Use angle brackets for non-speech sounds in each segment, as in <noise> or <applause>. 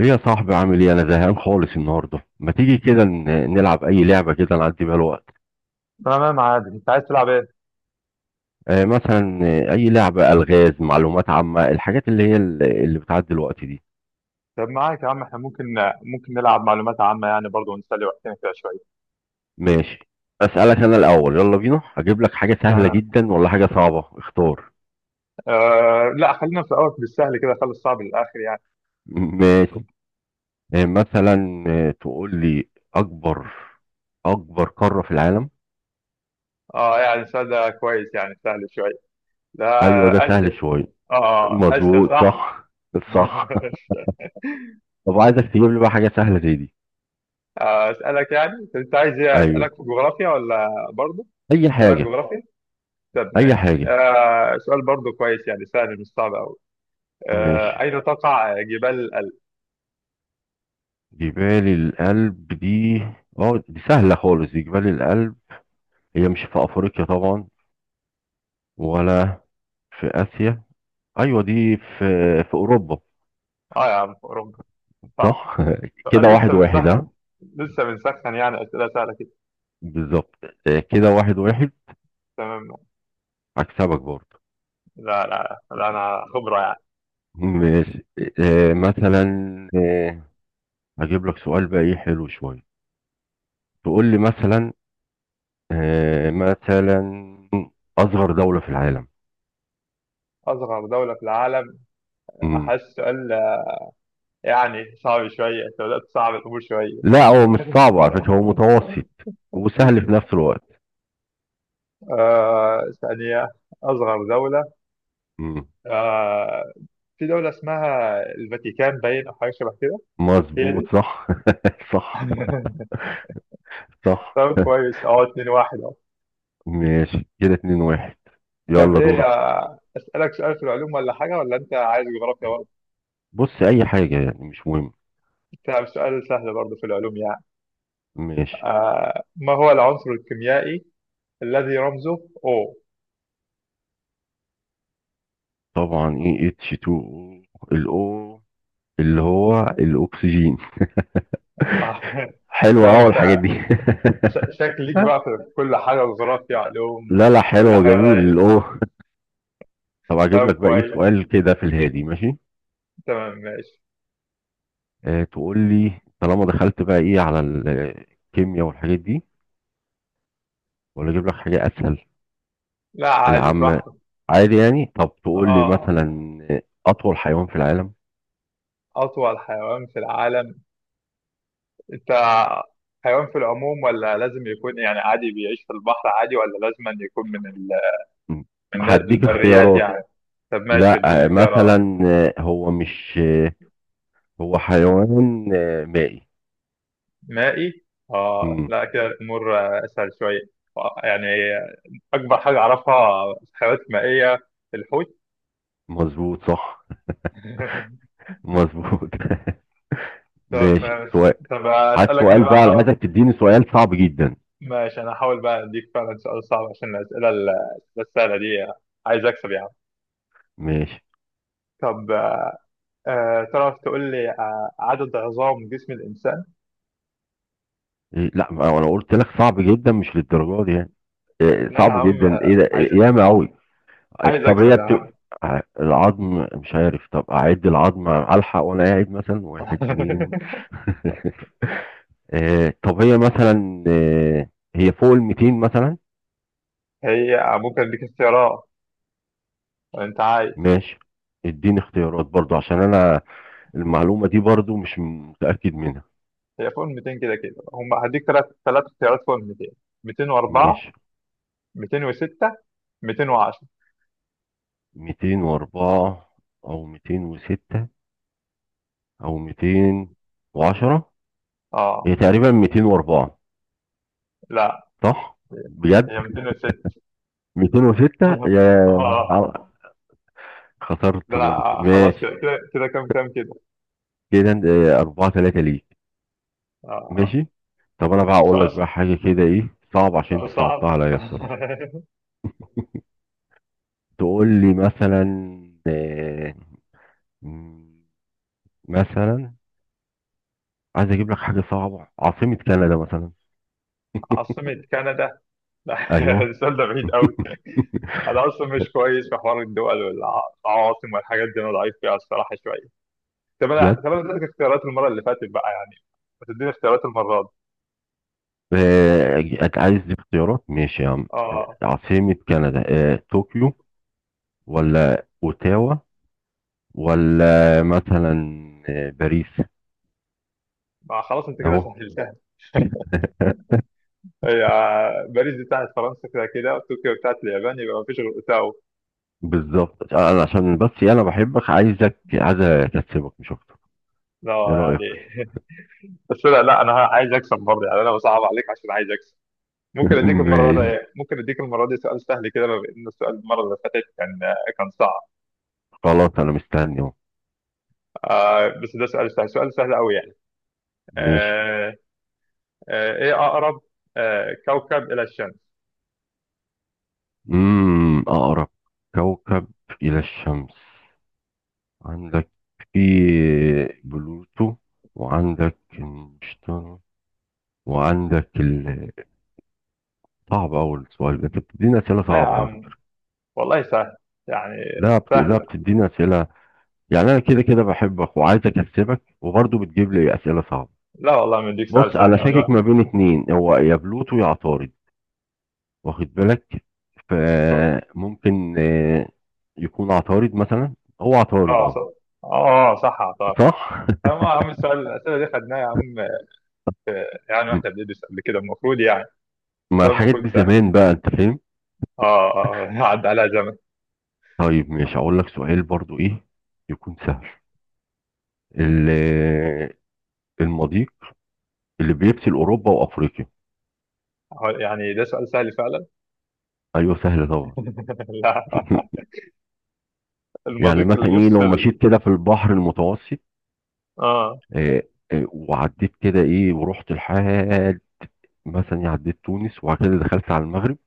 ايه يا صاحبي، عامل ايه؟ انا زهقان خالص النهارده. ما تيجي كده نلعب اي لعبه كده نعدي بيها الوقت. تمام عادي انت عايز تلعب ايه؟ مثلا، اي لعبه الغاز، معلومات عامه، الحاجات اللي هي اللي بتعدي الوقت دي. طب معاك يا عم احنا ممكن نلعب معلومات عامة يعني برضه ونسلي وقتنا كده شوية. ماشي. اسالك انا الاول، يلا بينا. هجيب لك حاجه سهله تمام. جدا ولا حاجه صعبه؟ اختار. لا خلينا في الأول بالسهل كده خلي الصعب للآخر يعني. ماشي. مثلا، تقول لي اكبر اكبر قاره في العالم؟ اه يعني السؤال ده كويس يعني سهل شوية. ايوه، ده لا سهل أسئلة. شويه. اه أسئلة مظبوط، صح؟ صح. صح. <laughs> <laughs> طب عايزك تجيب لي بقى حاجه سهله زي دي. أسألك يعني، طب انت عايز ايه أسألك ايوه، في جغرافيا ولا برضه؟ اي أسألك حاجه. جغرافيا؟ طب اي ماشي، حاجة. سؤال برضه كويس يعني، سهل مش صعب أوي. ماشي. أين تقع جبال الألب؟ جبال الألب دي... اه دي سهلة خالص، دي جبال الألب. هي مش في افريقيا طبعا، ولا في اسيا. ايوه دي في اوروبا. اه يا عم أوروبا، صح. صح. <laughs> سؤال كده لسه واحد واحد، بنسخن، ها. يعني أسئلة سهلة كده. بالظبط. كده واحد واحد. تمام. هكسبك برضه. لا لا لا، أنا خبرة يعني. ماشي. مثلا، آه، هجيب لك سؤال بقى ايه حلو شوية. تقول لي مثلا، مثلا، اصغر دولة في العالم. أصغر دولة في العالم. أحس سؤال يعني صعب شوية، أنت بدأت تصعب الأمور شوية. لا، هو مش <laughs> صعب على فكرة، هو متوسط وسهل في نفس الوقت. ثانية. أصغر دولة. مم. آه في دولة اسمها الفاتيكان باين أو حاجة شبه كده. هي مظبوط، دي. صح. <laughs> صح. <laughs> صح. طب كويس، 2 واحد أهو. ماشي، كده اتنين واحد. طب يلا إيه، دورك. أسألك سؤال في العلوم ولا حاجة ولا أنت عايز جغرافيا برضه؟ بص، اي حاجة يعني مش مهم. طب سؤال سهل برضه في العلوم يعني. ماشي. ما هو العنصر الكيميائي الذي رمزه O؟ طبعا ايه، اتش 2 او، الاو اللي هو الاكسجين. <laughs> آه <laughs> حلوة لا اهو الحاجات انت دي. شكلك بقى <laughs> في كل حاجة، جغرافيا، علوم. لا لا، كل حلوة. حاجة جميل دايس. الاو. طب اجيب طب لك بقى ايه كويس سؤال كده في الهادي، ماشي. تمام ماشي. تقول لي، طالما دخلت بقى ايه على الكيمياء والحاجات دي، ولا اجيب لك حاجه اسهل؟ لا عادي العامه براحتك. عادي يعني. طب تقول لي اه مثلا، اطول حيوان في العالم. أطول حيوان في العالم. انت حيوان في العموم، ولا لازم يكون يعني عادي بيعيش في البحر عادي، ولا لازم أن يكون م. من هديك البريات اختيارات. يعني؟ طب ماشي اديني لا، اختيارات. مثلا، هو مش... هو حيوان مائي. مائي. اه م. لا كده الأمور أسهل شوية. يعني اكبر حاجه اعرفها في الحيوانات المائيه، الحوت. مظبوط، صح. <laughs> مظبوط. <laughs> طب ماشي، ماشي. سؤال. طب عايز اسالك انا سؤال بقى، بقى، حاول. عايزك تديني سؤال صعب جدا. ماشي انا هحاول بقى اديك فعلا سؤال صعب عشان الاسئله السهله دي. عايز اكسب يعني. ماشي. طب تعرف تقول لي عدد عظام جسم الانسان؟ لا، ما انا قلت لك صعب جدا مش للدرجه دي يعني. لا يا صعب عم، جدا ايه ده؟ عايز ياما قوي. عايز طب اكسب هي يا عم. العظم مش عارف. طب اعد العظم الحق وانا قاعد، مثلا واحد اتنين. <laughs> <laughs> طب هي مثلا، هي فوق ال 200 مثلا. هي ممكن اديك اختيارات؟ انت عايز. ماشي، اديني اختيارات برضو عشان انا المعلومة دي برضو مش متأكد منها. هي فوق ال 200 كده كده، هديك ثلاث اختيارات فوق ال 200: 204، ماشي. 206، 210. 204 او 206 او 210. اه هي تقريبا 204. لا، صح؟ بجد؟ هي 206. 206 <laughs> يا... اه خسرت ده بونت. انا خلاص ماشي كده كده كده، كام كده. كده. أربعة تلاتة ليك. آه. ماشي. طب أنا بقى أقول لك سؤال بقى حاجة كده إيه صعب، عشان أنت سؤال صعب. صعبتها عليا بصراحة. <laughs> تقول لي مثلا، آه، م- مثلا، عايز أجيب لك حاجة صعبة، عاصمة كندا مثلا. عاصمة كندا. لا، <laughs> أيوه. السؤال ده بعيد قوي. <laughs> انا اصلا مش كويس في حوار الدول والعواصم والحاجات دي، انا ضعيف فيها الصراحه شويه. طب انا بجد؟ طب انا اديتك اختيارات المره اللي فاتت بقى يعني. ما تديني اختيارات المره دي. آه، أنت عايز اختيارات؟ ماشي يا عم. اه عاصمة كندا، طوكيو، ولا أوتاوا، ولا مثلا باريس. ما خلاص انت كده أهو. سهلتها. <laughs> هي باريس دي بتاعت فرنسا كده كده، وطوكيو بتاعت اليابان، يبقى ما فيش غير اوتاوا. بالظبط، انا عشان بس انا بحبك، عايزك... عايز اكسبك مش اكتر. لا ايه رايك؟ يعني، بس لا لا انا عايز اكسب برضه يعني، انا بصعب عليك عشان عايز اكسب. ممكن <laughs> اديك المره دي ماشي. إيه؟ ممكن اديك المره دي سؤال سهل كده، بما ان السؤال المره اللي فاتت كان صعب. خلاص انا مستني اهو. بس ده سؤال سهل، سؤال سهل قوي يعني. ماشي. آه ايه اقرب كوكب الى الشمس؟ اقرب كوكب الى الشمس، عندك في بلوتو، وعندك المشتري، وعندك صعب اول سؤال ده، انت بتديني اسئله لا يا صعبه على فكره. عم والله سهل يعني، لا سهل. بتديني اسئله يعني. انا كده كده بحبك وعايز اكسبك، وبرضه بتجيب لي اسئله صعبه. لا والله ما اديك سؤال بص، سهل انا شاكك يعني. ما بين اتنين، هو يا بلوتو يا عطارد، واخد بالك؟ فممكن يكون عطارد مثلا. هو عطارد، اه اه. صح. اه صح صح. فما يا عم، الاسئله دي خدناها يا عم، يعني واحنا <laughs> بندرس قبل كده المفروض يعني. ما السؤال الحاجات المفروض دي سهل. زمان بقى، انت فاهم. اه اه <laughs> عدى عليها زمن. طيب، ماشي. هقول لك سؤال برضو ايه يكون سهل. ال- آه، المضيق اللي بيفصل اوروبا وافريقيا. هو يعني ده سؤال سهل فعلا. ايوه، سهل طبعا. <laughs> لا. <laughs> يعني المضيق اللي مثلا ايه، لو بيفصل. مشيت كده في البحر المتوسط، اه آه، وعديت كده ايه ورحت لحد مثلا، عديت تونس وبعد كده دخلت على المغرب،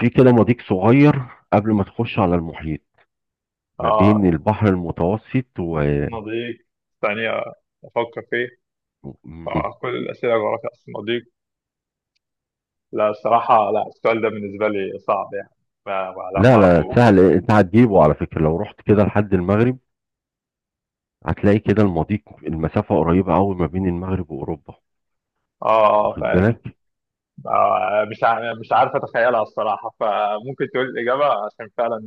في كده مضيق صغير قبل ما تخش على المحيط، ما بين اه البحر المتوسط و... مضيق، ثانية أفكر فيه. مم. كل الأسئلة جغرافيا، أصل المضيق. لا الصراحة، لا، السؤال ده بالنسبة لي صعب يعني. لا ما لا لا، أعرفوش. سهل، انت هتجيبه على فكرة. لو رحت كده لحد المغرب، هتلاقي كده المضيق، المسافة قريبة قوي ما بين المغرب وأوروبا، اه واخد فاهم. بالك؟ مش عارف أتخيلها الصراحة، فممكن تقول الإجابة عشان فعلا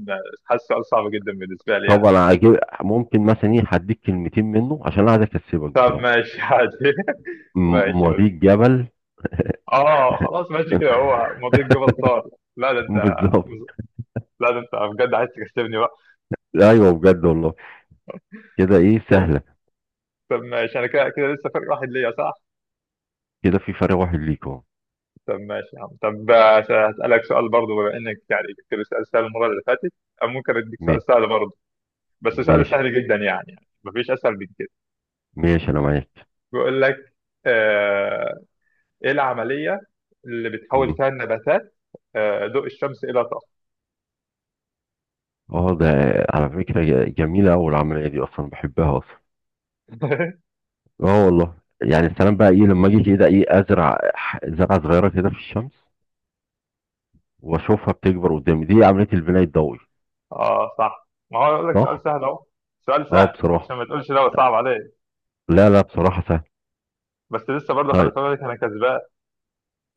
حاسس السؤال صعب جدا بالنسبة لي يعني. طبعا هجيب، ممكن مثلا ايه هديك كلمتين منه، عشان انا عايز اكسبك طب بصراحة. ماشي عادي. <laughs> ماشي قول. مضيق جبل... اه خلاص ماشي كده، هو مضيق جبل طارق. لا ده أنت. <laughs> بالظبط. لا ده انت بجد عايز تكسبني بقى. ايوه، بجد والله. كده ايه، طب سهلة. طب ماشي، انا كده كده لسه فرق واحد ليا صح؟ كده في فرق واحد ليك اهو. طب ماشي يا عم، طب هسألك سؤال برضه بما انك يعني جبت لي سؤال سهل المرة اللي فاتت. أو ممكن اديك سؤال ما- سهل برضه، بس سؤال ماشي. سهل جدا يعني، مفيش اسهل من كده. ماشي، انا معاك. بيقول لك آه ايه العملية اللي بتحول فيها النباتات ضوء الشمس الى طاقة؟ اه، ده على فكرة جميلة أوي العملية دي، أصلا بحبها أصلا. <laughs> اه والله يعني، السلام بقى إيه، لما أجي كده إيه أزرع زرعة صغيرة كده في الشمس، وأشوفها بتكبر قدامي، دي عملية البناء الضوئي. اه صح، ما هو اقول لك سؤال صح؟ سهل اهو. سؤال اه سهل عشان بصراحة، ما تقولش لا هو صعب عليك. لا لا، بصراحة سهل. بس لسه برضه خلي طيب. بالك، انا كسبان.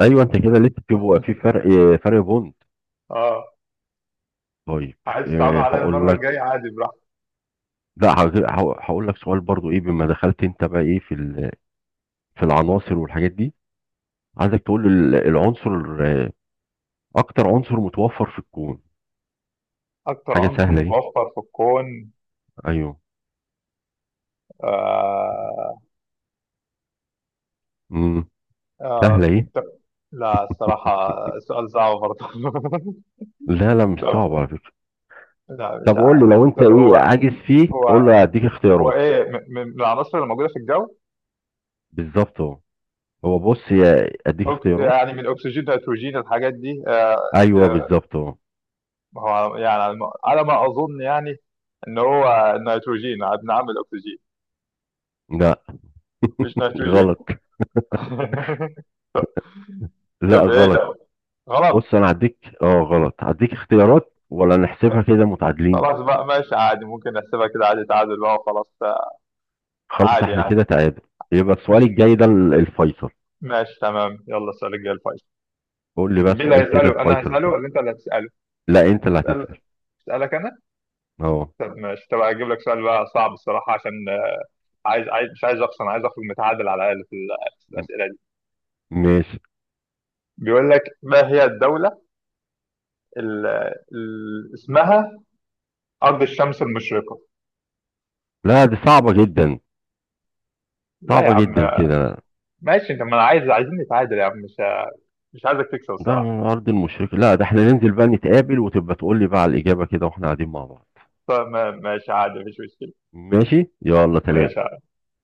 أيوه، أنت كده لسه بيبقى في فرق. <laughs> فرق بوند. اه طيب. عايز تتعامل عليا هقول المرة لك... الجاية عادي، براحتك. لا، هقول لك سؤال برضو إيه، بما دخلت أنت بقى إيه في في العناصر والحاجات دي. عايزك تقول لي العنصر أكتر عنصر متوفر في الكون. أكتر حاجة عنصر سهلة دي. متوفر في الكون. أيوه. آه امم سهلة ايه. طب. لا <laughs> الصراحة سؤال صعب برضه. لا لا، <laughs> مش طب، صعب على فكرة. لا مش طب قول له، عارف. لو انت طب ايه عاجز فيه قول هو له هديك هو اختيارات. إيه، من العناصر اللي موجودة في الجو. بالظبط اهو. هو بص يا، اديك اختيارات. يعني من الأكسجين، الهيدروجين، الحاجات دي. ايوه، آه، بالظبط اهو. هو يعني على ما أظن يعني، إن هو النيتروجين. بنعمل أكسجين. لا، مش نيتروجين. غلط. <laughs> لا طب إيه غلط. ده، غلط. بص، انا هديك اه غلط، هديك اختيارات ولا نحسبها كده متعادلين؟ خلاص بقى ماشي عادي، ممكن نحسبها كده عادي، تعادل بقى وخلاص. خلاص، عادي احنا يعني. كده تعادل. يبقى السؤال مش الجاي ده الفيصل. ماشي تمام. يلا السؤال الجاي الفايز. قول لي طب بقى مين اللي سؤال كده، هيسأله، أنا الفيصل هسأله ده. ولا أنت اللي هتسأله؟ لا، انت اللي اسأل هتسأل. اسألك أنا؟ اه. طب ماشي، طب هجيب لك سؤال بقى صعب الصراحة، عشان عايز، مش عايز أخسر، أنا عايز أخرج متعادل على الأقل في م- الأسئلة دي. ماشي. بيقول لك ما هي الدولة اللي اسمها أرض الشمس المشرقة؟ لا دي صعبة جدا، لا يا صعبة عم. جدا كده. ماشي أنت، ما أنا عايزين نتعادل يا عم، مش عايزك تكسب ده على الصراحة. أرض المشركة، لا ده احنا ننزل بقى نتقابل وتبقى تقول لي بقى على الإجابة كده واحنا قاعدين مع بعض. طب ماشي عادي مفيش مشكلة. ماشي، يلا سلام. ماشي.